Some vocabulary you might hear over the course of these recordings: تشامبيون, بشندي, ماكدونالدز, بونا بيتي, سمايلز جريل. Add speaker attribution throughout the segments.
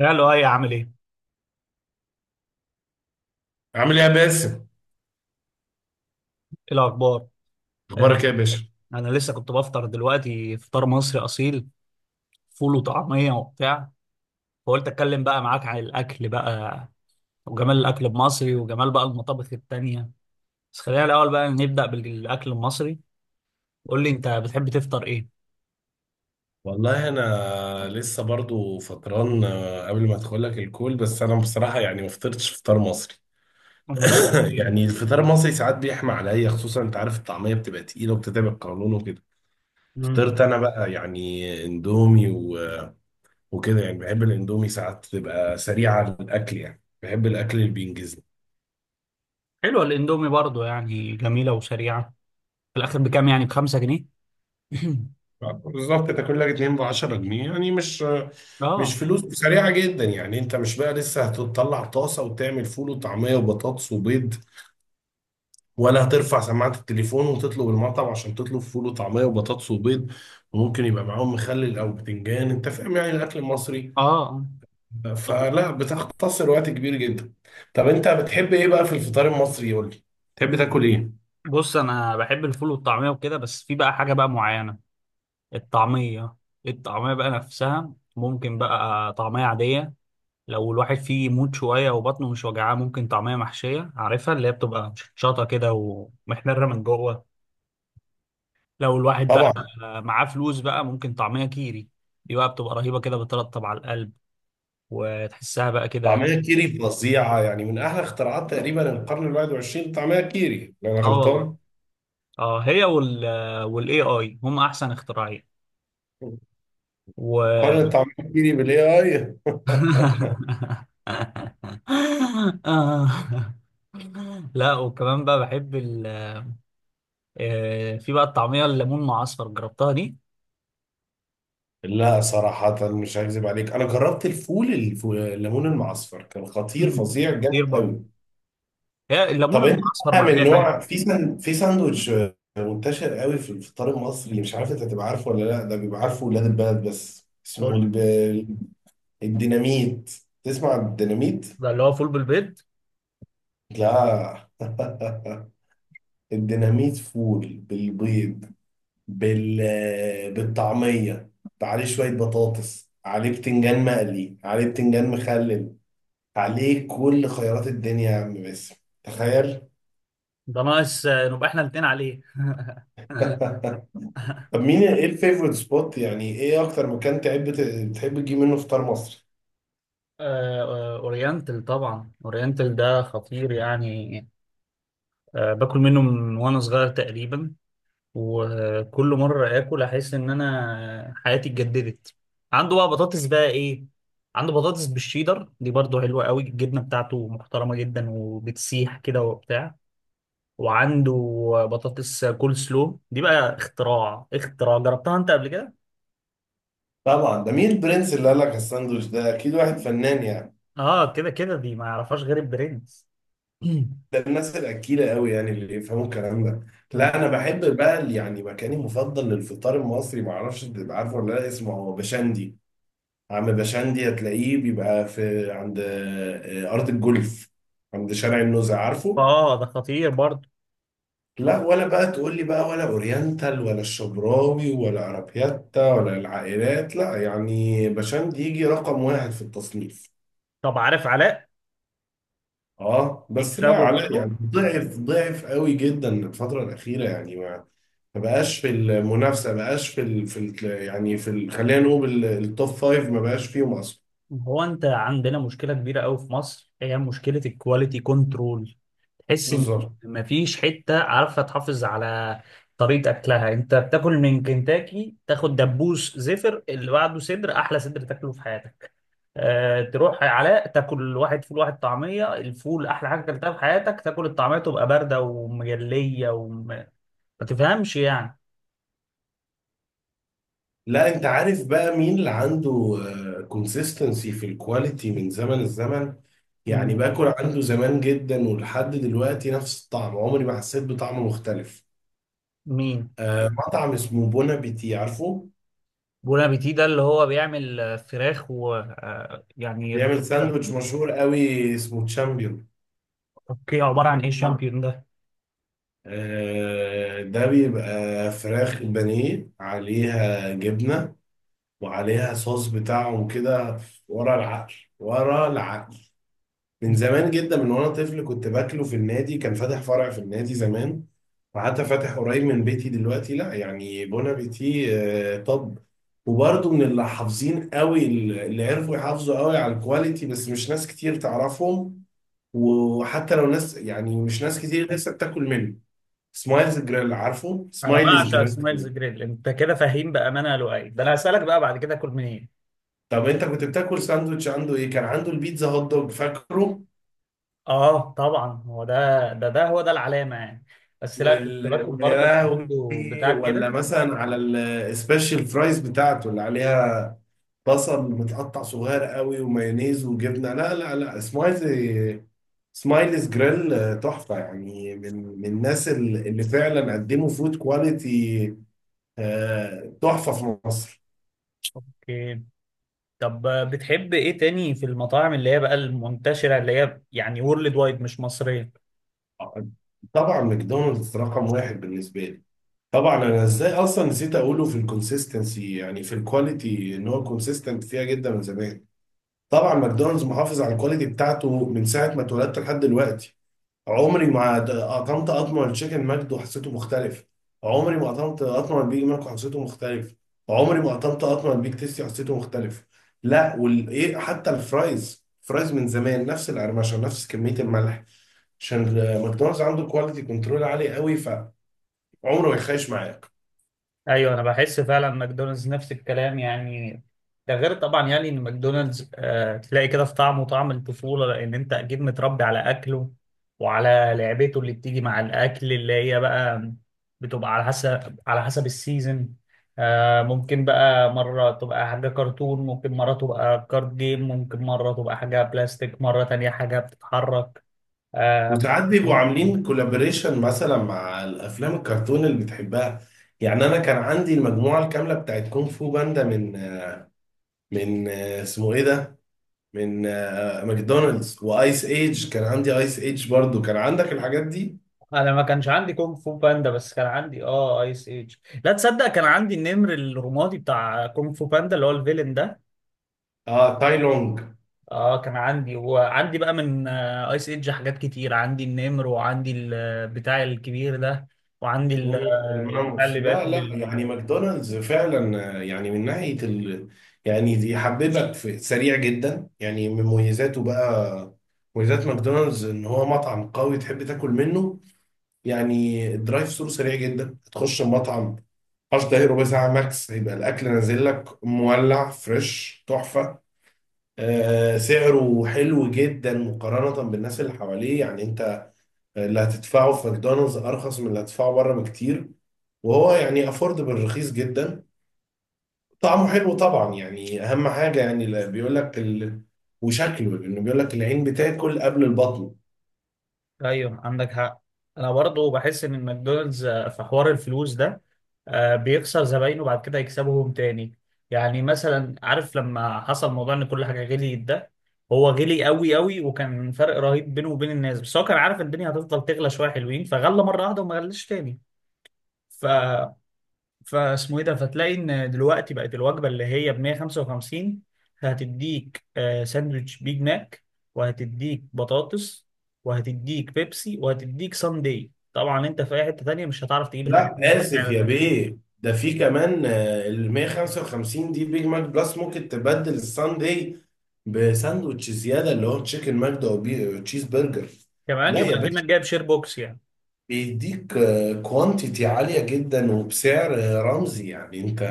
Speaker 1: يا لؤي عامل ايه؟ ايه
Speaker 2: عامل ايه يا باسم؟
Speaker 1: الاخبار؟ آه،
Speaker 2: اخبارك ايه يا باشا؟
Speaker 1: انا لسه كنت بفطر دلوقتي فطار مصري اصيل، فول وطعميه وبتاع. فقلت اتكلم بقى معاك عن الاكل بقى، وجمال الاكل المصري، وجمال بقى المطابخ التانيه. بس خلينا الاول بقى نبدا بالاكل المصري. قول لي انت بتحب تفطر ايه؟
Speaker 2: والله انا الحمد لسه برضو فطران، قبل ما ادخل لك الكول. بس انا بصراحه يعني ما فطرتش فطار مصري.
Speaker 1: أمك بتحب
Speaker 2: يعني
Speaker 1: إيه؟
Speaker 2: الفطار المصري ساعات بيحمى عليا، خصوصا انت عارف الطعميه بتبقى تقيله وبتتعب القولون وكده.
Speaker 1: مم.
Speaker 2: فطرت انا بقى يعني اندومي وكده. يعني بحب الاندومي، ساعات تبقى سريعه الاكل، يعني بحب الاكل اللي بينجزني
Speaker 1: حلوه الاندومي برضو يعني، جميله وسريعه. في الاخر بكام؟ يعني بخمسة جنيه؟
Speaker 2: بالظبط. تاكل لك 2 ب 10 جنيه، يعني مش
Speaker 1: اه.
Speaker 2: فلوس سريعه جدا. يعني انت مش بقى لسه هتطلع طاسه وتعمل فول وطعميه وبطاطس وبيض، ولا هترفع سماعه التليفون وتطلب المطعم عشان تطلب فول وطعميه وبطاطس وبيض، وممكن يبقى معاهم مخلل او بتنجان. انت فاهم يعني الاكل المصري
Speaker 1: اه طب،
Speaker 2: فلا بتختصر وقت كبير جدا. طب انت بتحب ايه بقى في الفطار المصري؟ قول لي، تحب تاكل ايه؟
Speaker 1: بص انا بحب الفول والطعميه وكده، بس في بقى حاجه بقى معينه. الطعمية، الطعمية بقى نفسها، ممكن بقى طعمية عادية لو الواحد فيه يموت شوية وبطنه مش وجعاه، ممكن طعمية محشية عارفها اللي هي بتبقى شطة كده ومحمرة من جوه. لو الواحد بقى
Speaker 2: طبعا
Speaker 1: معاه فلوس بقى، ممكن طعمية كيري، دي بقى بتبقى رهيبة كده، بترطب على القلب وتحسها بقى كده.
Speaker 2: طعمية كيري فظيعة، يعني من أحلى اختراعات تقريبا القرن ال 21، طعمية كيري لو أنا
Speaker 1: اه والله.
Speaker 2: غلطان.
Speaker 1: اه هي وال، والاي اي هم احسن اختراعين و…
Speaker 2: قارن طعمية كيري بالإي آي.
Speaker 1: آه. لا وكمان بقى بحب ال، في بقى الطعميه الليمون مع اصفر، جربتها دي؟
Speaker 2: لا صراحة مش هكذب عليك، أنا جربت الفول الليمون المعصفر، كان خطير،
Speaker 1: مم.
Speaker 2: فظيع، جامد
Speaker 1: خطير برضه.
Speaker 2: قوي.
Speaker 1: هي الليمون
Speaker 2: طب
Speaker 1: مع
Speaker 2: أنت
Speaker 1: اصفر
Speaker 2: بقى
Speaker 1: مع
Speaker 2: من
Speaker 1: اي حاجه.
Speaker 2: نوع في ساندوتش منتشر قوي في الفطار المصري، مش عارف أنت هتبقى عارفه ولا لا، ده بيبقى عارفه ولاد البلد، بس
Speaker 1: قول
Speaker 2: اسمه
Speaker 1: لي.
Speaker 2: الديناميت. تسمع عن الديناميت؟
Speaker 1: ده اللي هو فول بالبيض؟
Speaker 2: لا. الديناميت فول بالبيض، بالطعمية، عليه شوية بطاطس، عليه بتنجان مقلي، عليه بتنجان مخلل، عليه كل خيارات الدنيا يا عم باسم. تخيل.
Speaker 1: ده ناقص نبقى احنا الاثنين عليه.
Speaker 2: طب مين ايه الفيفورت سبوت، يعني ايه اكتر مكان تحب تحب تجيب منه فطار مصري؟
Speaker 1: اورينتال، طبعا اورينتال ده خطير يعني. باكل منه من وانا صغير تقريبا، وكل مره اكل احس ان انا حياتي اتجددت. عنده بقى بطاطس بقى ايه، عنده بطاطس بالشيدر، دي برضه حلوه قوي، الجبنه بتاعته محترمه جدا وبتسيح كده وبتاع. وعنده بطاطس كول سلو، دي بقى اختراع، اختراع. جربتها انت قبل كده؟
Speaker 2: طبعا ده مين البرنس اللي قال لك الساندوتش ده؟ اكيد واحد فنان يعني.
Speaker 1: اه، كده كده دي ما يعرفهاش غير البرنس.
Speaker 2: ده الناس الأكيلة قوي يعني، اللي يفهموا الكلام ده. لا أنا بحب بقى يعني مكاني المفضل للفطار المصري، معرفش تبقى عارفه ولا لا، اسمه هو بشندي. عم بشندي هتلاقيه بيبقى في عند، أرض الجولف، عند شارع النزهة، عارفه؟
Speaker 1: اه ده خطير برضه.
Speaker 2: لا ولا بقى تقول لي بقى، ولا أورينتال، ولا الشبراوي، ولا عربياتا، ولا العائلات، لا يعني بشندي يجي رقم واحد في التصنيف.
Speaker 1: طب عارف علاء؟
Speaker 2: اه بس لا
Speaker 1: يكسبه
Speaker 2: علاء
Speaker 1: برضه.
Speaker 2: يعني ضعف ضعف قوي جدا الفترة الأخيرة يعني. ما بقاش في المنافسه، ما بقاش في خلينا نقول ال- التوب فايف، ما بقاش فيهم اصلا.
Speaker 1: هو انت عندنا مشكله كبيره قوي في مصر، هي مشكله الكواليتي كنترول. تحس ان
Speaker 2: بالظبط.
Speaker 1: مفيش حته عارفه تحافظ على طريقه اكلها. انت بتاكل من كنتاكي، تاخد دبوس زفر، اللي بعده صدر احلى صدر تاكله في حياتك. تروح يا علاء تاكل واحد فول واحد طعمية، الفول أحلى حاجة أكلتها في حياتك، تاكل الطعمية تبقى باردة ومجلية وما تفهمش يعني.
Speaker 2: لا انت عارف بقى مين اللي عنده كونسيستنسي في الكواليتي من زمن الزمن؟ يعني
Speaker 1: مين؟
Speaker 2: باكل عنده زمان جدا ولحد دلوقتي نفس الطعم، عمري ما حسيت بطعم مختلف.
Speaker 1: مين؟
Speaker 2: آه، مطعم اسمه بونا بيتي، عارفه؟
Speaker 1: بون ابيتي، ده اللي هو بيعمل فراخ و يعني.
Speaker 2: بيعمل ساندوتش مشهور قوي اسمه تشامبيون.
Speaker 1: اوكي، عبارة عن ايه الشامبيون ده؟
Speaker 2: آه ده بيبقى فراخ بانيه عليها جبنة، وعليها صوص بتاعهم كده. ورا العقل ورا العقل، من زمان جدا من وانا طفل كنت باكله في النادي، كان فاتح فرع في النادي زمان، وحتى فاتح قريب من بيتي دلوقتي. لا يعني بون ابيتي، طب، وبرضه من اللي حافظين قوي، اللي عرفوا يحافظوا قوي على الكواليتي، بس مش ناس كتير تعرفهم. وحتى لو ناس يعني مش ناس كتير، لسه بتاكل منه. سمايلز جريل، عارفه
Speaker 1: انا
Speaker 2: سمايلز
Speaker 1: بعشق
Speaker 2: جريل؟
Speaker 1: سمايلز جريل، انت كده فاهم بامانه يا لؤي، ده انا هسالك بقى بعد كده اكل منين.
Speaker 2: طب انت كنت بتاكل ساندوتش عنده ايه؟ كان عنده البيتزا هوت دوج، فاكره؟
Speaker 1: اه طبعا، هو ده العلامه يعني. بس لا، كنت باكل
Speaker 2: ويا
Speaker 1: برضه من
Speaker 2: لهوي
Speaker 1: عنده بتاع
Speaker 2: ولا
Speaker 1: كده.
Speaker 2: مثلا على السبيشال فرايز بتاعته اللي عليها بصل متقطع صغير قوي ومايونيز وجبنه؟ لا لا لا، سمايلي، سمايليز جريل، تحفه يعني، من الناس اللي فعلا قدموا فود كواليتي، تحفه في مصر.
Speaker 1: اوكي. طب بتحب ايه تاني في المطاعم اللي هي بقى المنتشرة، اللي هي يعني وورلد وايد مش مصرية؟
Speaker 2: طبعا ماكدونالدز رقم واحد بالنسبه لي. طبعا انا ازاي اصلا نسيت اقوله في الكونسيستنسي يعني في الكواليتي، ان هو كونسيستنت فيها جدا من زمان. طبعا ماكدونالدز محافظ على الكواليتي بتاعته من ساعه ما اتولدت لحد دلوقتي. عمري ما قطمت قطمه التشيكن ماجد وحسيته مختلف، عمري ما قطمت قطمه البيج ماك وحسيته مختلف، عمري ما قطمت قطمه البيج تيستي وحسيته مختلف. لا وال ايه، حتى الفرايز، فرايز من زمان نفس القرمشه، نفس كميه الملح. عشان ماكدونالدز عنده كواليتي كنترول عالي قوي، فعمره ما يخيش معايا.
Speaker 1: ايوه، انا بحس فعلا ماكدونالدز نفس الكلام يعني. ده غير طبعا يعني ان ماكدونالدز آه تلاقي كده في طعمه طعم الطفولة، لان انت اكيد متربي على اكله وعلى لعبته اللي بتيجي مع الاكل، اللي هي بقى بتبقى على حسب، على حسب السيزون. آه ممكن بقى مرة تبقى حاجة كرتون، ممكن مرة تبقى كارد جيم، ممكن مرة تبقى حاجة بلاستيك، مرة تانية حاجة بتتحرك. آه.
Speaker 2: وساعات بيبقوا عاملين كولابوريشن مثلا مع الافلام الكرتون اللي بتحبها. يعني انا كان عندي المجموعه الكامله بتاعت كونغ فو باندا من، من اسمه ايه ده، من ماكدونالدز، وايس ايج، كان عندي ايس ايج برضو، كان عندك الحاجات دي؟
Speaker 1: انا ما كانش عندي كونغ فو باندا، بس كان عندي اه ايس ايج. لا تصدق، كان عندي النمر الرمادي بتاع كونغ فو باندا اللي هو الفيلن ده.
Speaker 2: اه تاي لونج.
Speaker 1: اه كان عندي، وعندي بقى من آه ايس ايج حاجات كتير، عندي النمر، وعندي البتاع الكبير ده، وعندي البتاع
Speaker 2: الماموس.
Speaker 1: اللي
Speaker 2: لا
Speaker 1: باكل
Speaker 2: لا
Speaker 1: ال…
Speaker 2: يعني ماكدونالدز فعلا، يعني من ناحيه يعني يحببك في سريع جدا، يعني من مميزاته بقى، مميزات ماكدونالدز ان هو مطعم قوي تحب تاكل منه. يعني الدرايف ثرو سريع جدا، تخش المطعم 10 دقايق ربع ساعة ماكس هيبقى الأكل نازل لك مولع فريش تحفة. آه سعره حلو جدا مقارنة بالناس اللي حواليه، يعني أنت اللي هتدفعه في ماكدونالدز أرخص من اللي هتدفعه بره بكتير، وهو يعني أفوردبل، رخيص جدا. طعمه حلو طبعا يعني أهم حاجة، يعني اللي بيقول لك وشكله، لأنه بيقول لك العين بتاكل قبل البطن.
Speaker 1: ايوه عندك حق. انا برضو بحس ان ماكدونالدز في حوار الفلوس ده، بيخسر زباينه بعد كده يكسبهم تاني. يعني مثلا عارف لما حصل موضوع ان كل حاجه غليت ده، هو غلي قوي قوي، وكان فرق رهيب بينه وبين الناس، بس هو كان عارف إن الدنيا هتفضل تغلى شويه حلوين، فغلى مره واحده وما غلاش تاني. ف فاسمه ايه ده، فتلاقي ان دلوقتي بقت الوجبه اللي هي ب 155، هتديك ساندوتش بيج ماك، وهتديك بطاطس، وهتديك بيبسي، وهتديك ساندي. طبعا انت في اي حته تانيه مش هتعرف تجيب الحاجات
Speaker 2: لا
Speaker 1: دي
Speaker 2: اسف
Speaker 1: بالسعر
Speaker 2: يا
Speaker 1: ده.
Speaker 2: بيه، ده في كمان، ال 155 دي بيج ماك بلس، ممكن تبدل الساندي بساندوتش زياده اللي هو تشيكن ماجدا وتشيز برجر.
Speaker 1: كمان
Speaker 2: لا
Speaker 1: يبقى
Speaker 2: يا
Speaker 1: اكنك
Speaker 2: باشا،
Speaker 1: جايب شير بوكس يعني.
Speaker 2: بيديك كوانتيتي عاليه جدا، وبسعر، رمزي يعني. انت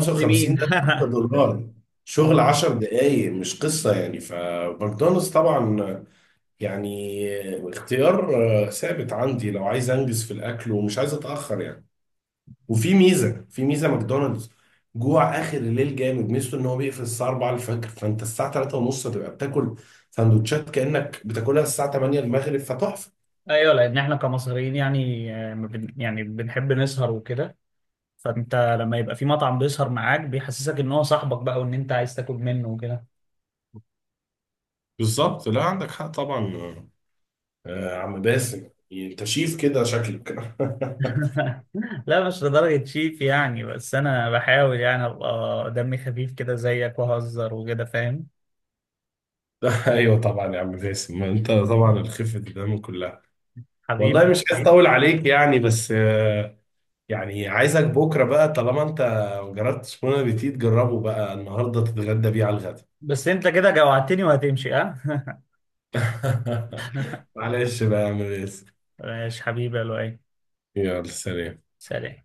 Speaker 1: قصدي مين.
Speaker 2: ده 3 دولار شغل 10 دقايق، مش قصه. يعني فماكدونالدز طبعا يعني، اختيار، ثابت عندي لو عايز انجز في الاكل ومش عايز اتاخر يعني. وفي ميزه، في ميزه ماكدونالدز جوع اخر الليل جامد، ميزته ان هو بيقفل الساعه 4 الفجر، فانت الساعه 3 ونص تبقى بتاكل سندوتشات كانك بتاكلها الساعه 8 المغرب، فتحفه.
Speaker 1: ايوه، لان احنا كمصريين يعني ما بن- يعني بنحب نسهر وكده. فانت لما يبقى في مطعم بيسهر معاك، بيحسسك ان هو صاحبك بقى، وان انت عايز تاكل منه وكده.
Speaker 2: بالظبط. لا عندك حق طبعا. آه عم باسم انت شيف كده شكلك.
Speaker 1: لا مش لدرجة شيف يعني، بس انا بحاول يعني ابقى دمي خفيف كده زيك واهزر وكده، فاهم.
Speaker 2: ايوه طبعا يا عم باسم، ما انت طبعا الخفه الدم كلها.
Speaker 1: حبيبي.
Speaker 2: والله مش عايز اطول عليك يعني، بس يعني عايزك بكره بقى طالما انت ما جربتش بون ابيتيت، جربه بقى النهارده، تتغدى بيه على الغدا.
Speaker 1: بس انت كده جوعتني وهتمشي ها.
Speaker 2: معلش بقى يا عم ياسر.
Speaker 1: ماشي حبيبي يا لؤي.
Speaker 2: يلا سلام.
Speaker 1: سلام.